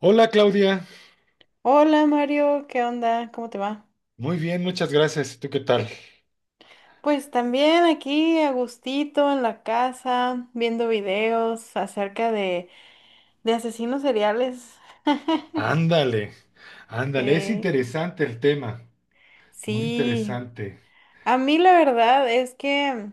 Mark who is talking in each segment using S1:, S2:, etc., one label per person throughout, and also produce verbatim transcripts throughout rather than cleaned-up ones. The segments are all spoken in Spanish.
S1: Hola Claudia.
S2: Hola Mario, ¿qué onda? ¿Cómo te va?
S1: Muy bien, muchas gracias. ¿Tú qué tal?
S2: Pues también aquí a gustito en la casa, viendo videos acerca de, de asesinos seriales.
S1: Ándale, ándale, es
S2: Sí,
S1: interesante el tema, muy
S2: sí.
S1: interesante.
S2: A mí la verdad es que,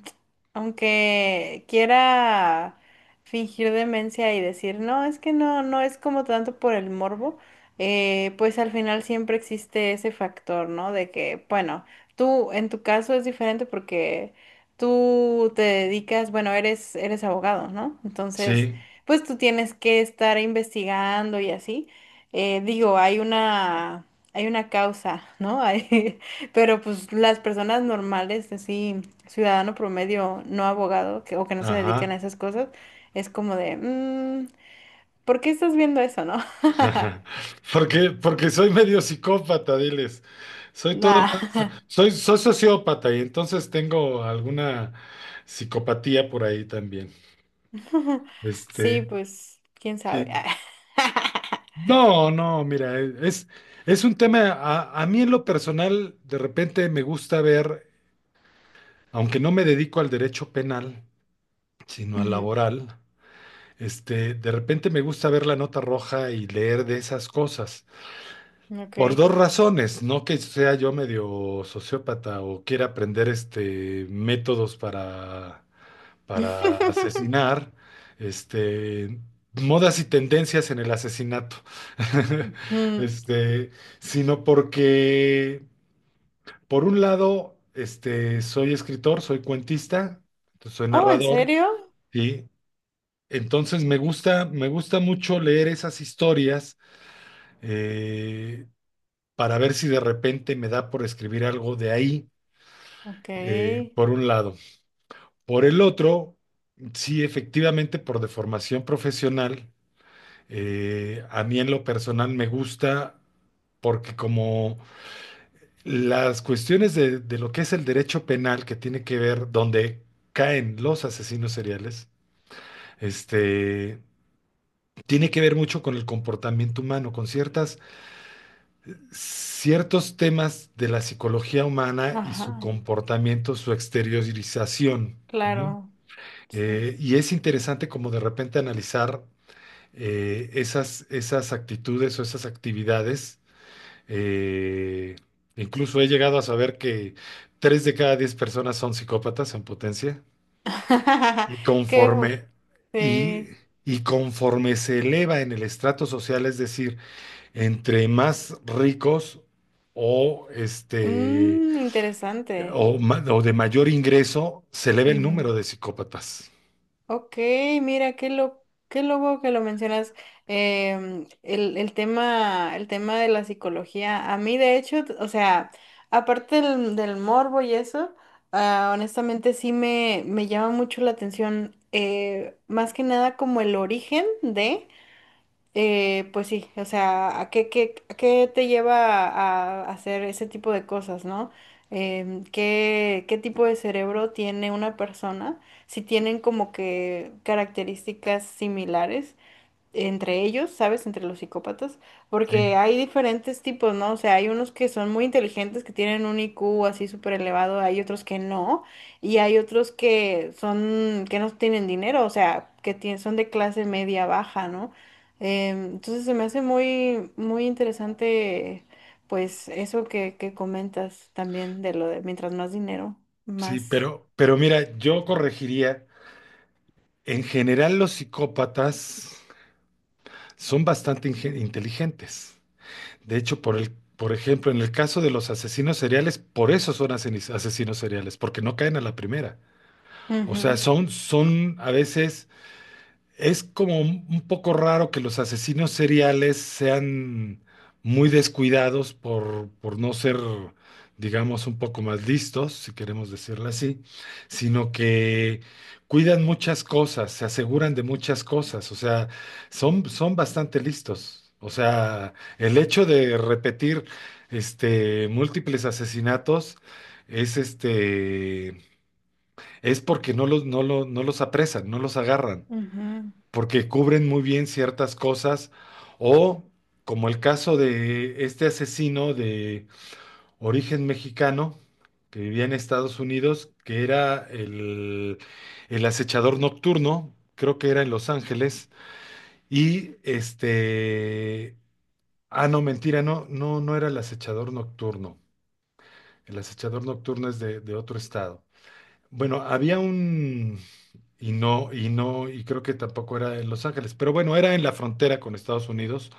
S2: aunque quiera fingir demencia y decir, no, es que no, no es como tanto por el morbo. Eh, pues al final siempre existe ese factor, ¿no? De que, bueno, tú en tu caso es diferente porque tú te dedicas, bueno, eres, eres abogado, ¿no? Entonces,
S1: Sí,
S2: pues tú tienes que estar investigando y así. Eh, digo, hay una, hay una causa, ¿no? Hay, pero pues las personas normales, así, ciudadano promedio, no abogado, que, o que no se dedican
S1: ajá.
S2: a esas cosas, es como de, "Mm, ¿por qué estás viendo eso, no?
S1: Porque, porque soy medio psicópata, diles. Soy todo
S2: Nah.
S1: una- soy, soy sociópata y entonces tengo alguna psicopatía por ahí también.
S2: Sí,
S1: Este,
S2: pues, quién sabe.
S1: sí. No, no, mira, es, es un tema, a, a mí en lo personal, de repente me gusta ver. Aunque no me dedico al derecho penal, sino al laboral, este, de repente me gusta ver la nota roja y leer de esas cosas.
S2: Ujú, Ok.
S1: Por dos razones, no que sea yo medio sociópata o quiera aprender este métodos para, para asesinar, este, modas y tendencias en el asesinato.
S2: Mm,
S1: Este, Sino porque, por un lado, este, soy escritor, soy cuentista, soy
S2: Oh, ¿en
S1: narrador.
S2: serio?
S1: Sí, entonces me gusta, me gusta mucho leer esas historias, eh, para ver si de repente me da por escribir algo de ahí,
S2: Ok.
S1: eh, por un lado. Por el otro, sí, efectivamente, por deformación profesional, eh, a mí en lo personal me gusta porque como las cuestiones de, de, lo que es el derecho penal que tiene que ver donde caen los asesinos seriales, este tiene que ver mucho con el comportamiento humano, con ciertas, ciertos temas de la psicología humana y
S2: Ajá,
S1: su comportamiento, su exteriorización, ¿no?
S2: claro, sí.
S1: Eh, y es interesante como de repente analizar, eh, esas, esas actitudes o esas actividades. eh, Incluso he llegado a saber que tres de cada diez personas son psicópatas en potencia. y
S2: Qué bu-
S1: conforme, y,
S2: sí.
S1: y conforme se eleva en el estrato social, es decir, entre más ricos o, este,
S2: Mm, interesante.
S1: o, ma- o de mayor ingreso, se eleva el número de psicópatas.
S2: Ok, mira, qué lo, qué lobo que lo mencionas. em, el, el tema, el tema de la psicología. A mí, de hecho, t- o sea, aparte del, del morbo y eso, ah, honestamente sí me, me llama mucho la atención, eh, más que nada como el origen de. Eh, pues sí, o sea, ¿a qué, qué, a qué te lleva a, a hacer ese tipo de cosas, ¿no? Em, ¿qué, qué tipo de cerebro tiene una persona? Si tienen como que características similares entre ellos, ¿sabes? Entre los psicópatas,
S1: Sí,
S2: porque hay diferentes tipos, ¿no? O sea, hay unos que son muy inteligentes, que tienen un I Q así súper elevado, hay otros que no, y hay otros que son, que no tienen dinero, o sea, que tien- son de clase media baja, ¿no? Em, entonces se me hace muy, muy interesante, pues, eso que, que comentas también de lo de mientras más dinero,
S1: sí,
S2: más.
S1: pero, pero, mira, yo corregiría: en general los psicópatas son bastante inge- inteligentes. De hecho, por el, por ejemplo, en el caso de los asesinos seriales, por eso son asesinos asesinos seriales, porque no caen a la primera. O sea,
S2: Ujú,
S1: son, son, a veces. Es como un un poco raro que los asesinos seriales sean muy descuidados por, por no ser, digamos, un poco más listos, si queremos decirlo así, sino que cuidan muchas cosas, se aseguran de muchas cosas. O sea, son, son bastante listos. O sea, el hecho de repetir este, múltiples asesinatos es este, es porque no los, no lo- no los apresan, no los agarran
S2: ujú,
S1: porque cubren muy bien ciertas cosas, o como el caso de este asesino de origen mexicano que vivía en Estados Unidos, que era el, el, acechador nocturno. Creo que era en Los Ángeles. y este, ah, no, mentira, no, no, no era el acechador nocturno. El acechador nocturno es de, de, otro estado. Bueno, había un, y no, y no, y creo que tampoco era en Los Ángeles, pero bueno, era en la frontera con Estados Unidos.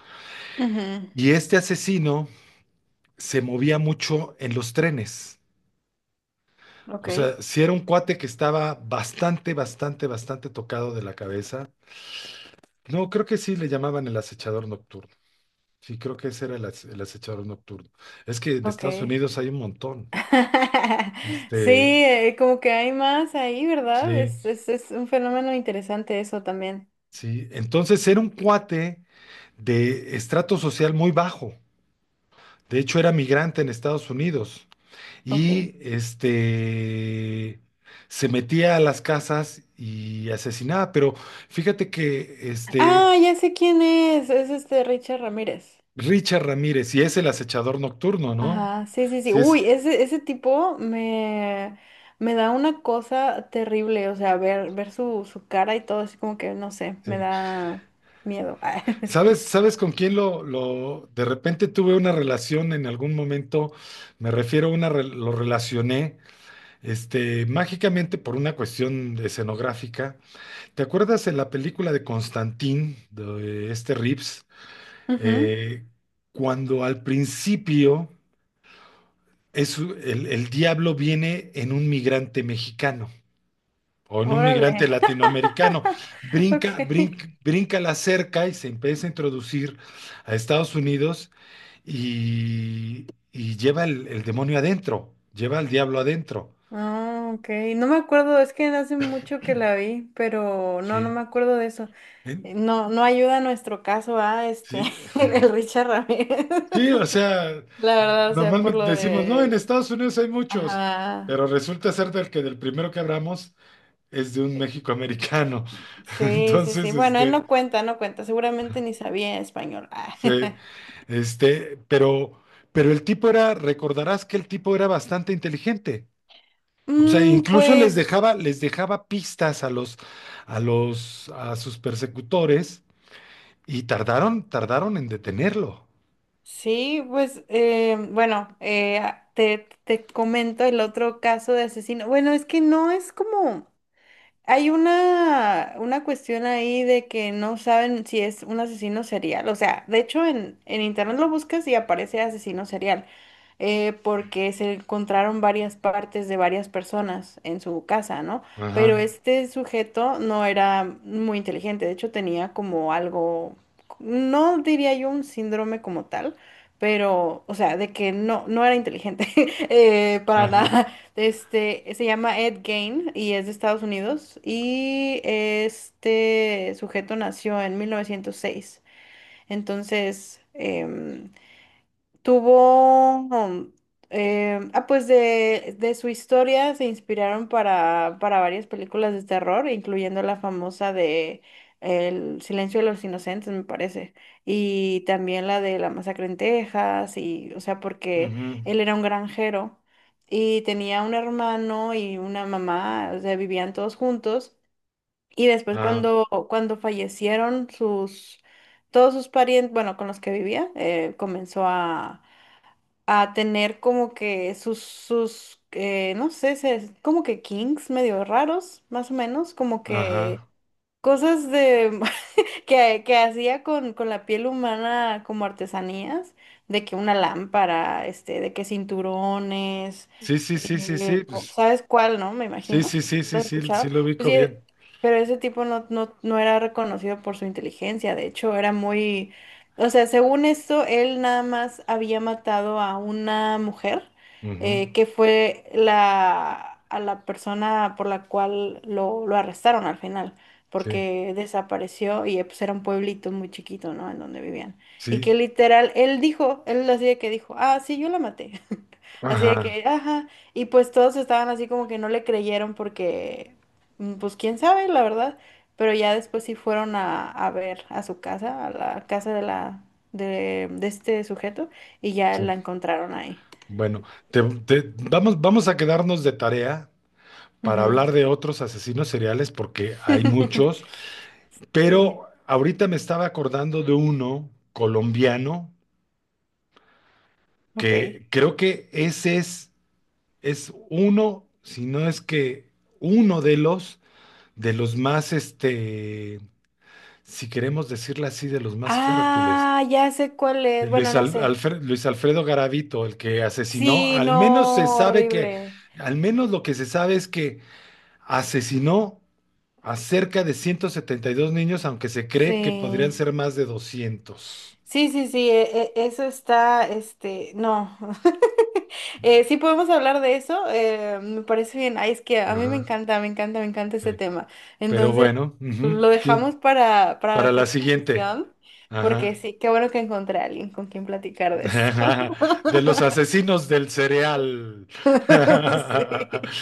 S2: ujú.
S1: Y este asesino se movía mucho en los trenes.
S2: Ok,
S1: O sea, si era un cuate que estaba bastante, bastante, bastante tocado de la cabeza. No, creo que sí le llamaban el acechador nocturno. Sí, creo que ese era el, ace- el acechador nocturno. Es que en
S2: ok.
S1: Estados Unidos hay un montón.
S2: Sí,
S1: Este,
S2: eh, como que hay más ahí, ¿verdad?
S1: sí,
S2: Es, es, es un fenómeno interesante eso también.
S1: sí. Entonces era un cuate de estrato social muy bajo. De hecho, era migrante en Estados Unidos,
S2: Ok.
S1: y este se metía a las casas y asesinaba, pero fíjate que este
S2: Ah, ya sé quién es. Es este Richard Ramírez.
S1: Richard Ramírez, si es el acechador nocturno, ¿no?
S2: Ajá, sí, sí, sí.
S1: Si es,
S2: Uy, ese, ese tipo me, me da una cosa terrible. O sea, ver, ver su, su cara y todo, así como que, no sé, me
S1: sí.
S2: da miedo.
S1: ¿Sabes, sabes con quién lo, lo, de repente tuve una relación en algún momento? Me refiero a una, re- lo relacioné, este, mágicamente, por una cuestión escenográfica. ¿Te acuerdas de la película de Constantine, de este Reeves?
S2: Ujú.
S1: Eh, Cuando al principio es, el, el diablo viene en un migrante mexicano o en un migrante
S2: Órale.
S1: latinoamericano,
S2: Ok.
S1: brinca, brinca, brinca la cerca y se empieza a introducir a Estados Unidos, y, y lleva el, el, demonio adentro, lleva al diablo adentro.
S2: Ah, ok. No me acuerdo, es que hace mucho que la vi, pero no, no
S1: Sí.
S2: me acuerdo de eso.
S1: En-
S2: Eh, No, no ayuda a nuestro caso a este.
S1: Sí,
S2: el Richard Ramírez.
S1: sí. O sea,
S2: La verdad, o sea, por
S1: normalmente
S2: lo
S1: decimos, no, en
S2: de.
S1: Estados Unidos hay muchos,
S2: Ajá.
S1: pero resulta ser del que del primero que abramos es de un México americano.
S2: Sí, sí, sí.
S1: Entonces,
S2: Bueno, él
S1: este,
S2: no cuenta, no cuenta. Seguramente ni sabía español. Ah.
S1: se- este, pero, pero el tipo era, recordarás que el tipo era bastante inteligente. O sea,
S2: Mm,
S1: incluso les
S2: pues
S1: dejaba, les dejaba pistas a los, a los, a sus persecutores, y tardaron, tardaron en detenerlo.
S2: sí, pues eh, bueno, eh, te, te comento el otro caso de asesino. Bueno, es que no es como. Hay una, una cuestión ahí de que no saben si es un asesino serial. O sea, de hecho en, en internet lo buscas y aparece asesino serial eh, porque se encontraron varias partes de varias personas en su casa, ¿no? Pero
S1: Ajá,
S2: este sujeto no era muy inteligente, de hecho tenía como algo, no diría yo un síndrome como tal, pero, o sea, de que no, no era inteligente eh, para
S1: ajá,
S2: nada. Este, se llama Ed Gain y es de Estados Unidos y este sujeto nació en mil novecientos seis. Entonces... em, Tuvo, um, em, ah, pues de, de su historia se inspiraron para, para varias películas de terror, incluyendo la famosa de El Silencio de los Inocentes, me parece, y también la de La Masacre en Texas, y, o sea, porque
S1: ujú,
S2: él era un granjero y tenía un hermano y una mamá, o sea, vivían todos juntos, y después
S1: ajá,
S2: cuando, cuando fallecieron sus, todos sus parientes, bueno, con los que vivía, eh, comenzó a a tener como que sus, sus eh, no sé, se- como que kings medio raros, más o menos, como que
S1: ajá.
S2: cosas de que, que hacía con, con la piel humana como artesanías, de que una lámpara, este, de que cinturones,
S1: Sí, sí, sí, sí,
S2: eh,
S1: sí,
S2: co-
S1: pues,
S2: ¿sabes cuál, no? Me
S1: sí,
S2: imagino,
S1: sí, sí,
S2: lo
S1: sí,
S2: he
S1: sí,
S2: escuchado.
S1: sí lo
S2: Pues
S1: ubico
S2: sí, eh,
S1: bien.
S2: pero ese tipo no, no, no era reconocido por su inteligencia, de hecho era muy, o sea, según esto, él nada más había matado a una mujer,
S1: Ujú,
S2: eh, que fue la, a la persona por la cual lo, lo arrestaron al final
S1: sí,
S2: porque desapareció y eh, pues era un pueblito muy chiquito, ¿no? En donde vivían. Y
S1: sí,
S2: que literal, él dijo, él así de que dijo, ah, sí, yo la maté. Así de
S1: ajá,
S2: que, ajá. Y pues todos estaban así como que no le creyeron porque, mm, pues quién sabe, la verdad. Pero ya después sí fueron a, a ver a su casa, a la casa de la, de, de este sujeto, y ya
S1: sí.
S2: la encontraron ahí.
S1: Bueno, te- te- vamos, vamos a quedarnos de tarea para
S2: Ujú.
S1: hablar de otros asesinos seriales porque hay muchos,
S2: Sí,
S1: pero ahorita me estaba acordando de uno colombiano
S2: ok.
S1: que creo que ese es, es, uno, si no es que uno de los, de los más, este, si queremos decirlo así, de los más fértiles.
S2: Ah, ya sé cuál
S1: De
S2: es. Bueno,
S1: Luis,
S2: no
S1: Al-
S2: sé.
S1: Alfre- Luis Alfredo Garavito, el que asesinó,
S2: Sí,
S1: al menos se
S2: no,
S1: sabe que,
S2: horrible.
S1: al menos lo que se sabe es que asesinó a cerca de ciento setenta y dos niños, aunque se cree que podrían
S2: Sí,
S1: ser más de doscientos.
S2: sí, sí, sí, e- e- eso está, este, no. Eh, sí podemos hablar de eso, eh, me parece bien. Ay, es que a mí me
S1: Ajá,
S2: encanta, me encanta, me encanta
S1: sí.
S2: ese tema.
S1: Pero
S2: Entonces,
S1: bueno, ujú,
S2: lo
S1: sí.
S2: dejamos para, para
S1: Para
S2: la
S1: la
S2: próxima
S1: siguiente.
S2: sesión, porque
S1: Ajá.
S2: sí, qué bueno que encontré a alguien con quien platicar de eso.
S1: De los asesinos del cereal.
S2: Sí.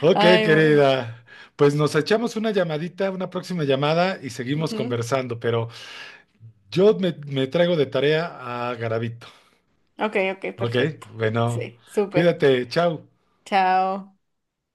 S1: Ok,
S2: Ay, bueno.
S1: querida. Pues nos echamos una llamadita, una próxima llamada y seguimos
S2: Ujú.
S1: conversando, pero yo me, me traigo de tarea a Garabito.
S2: Ok, ok,
S1: Ok,
S2: perfecto.
S1: bueno,
S2: Sí, súper.
S1: cuídate, chao.
S2: Chao.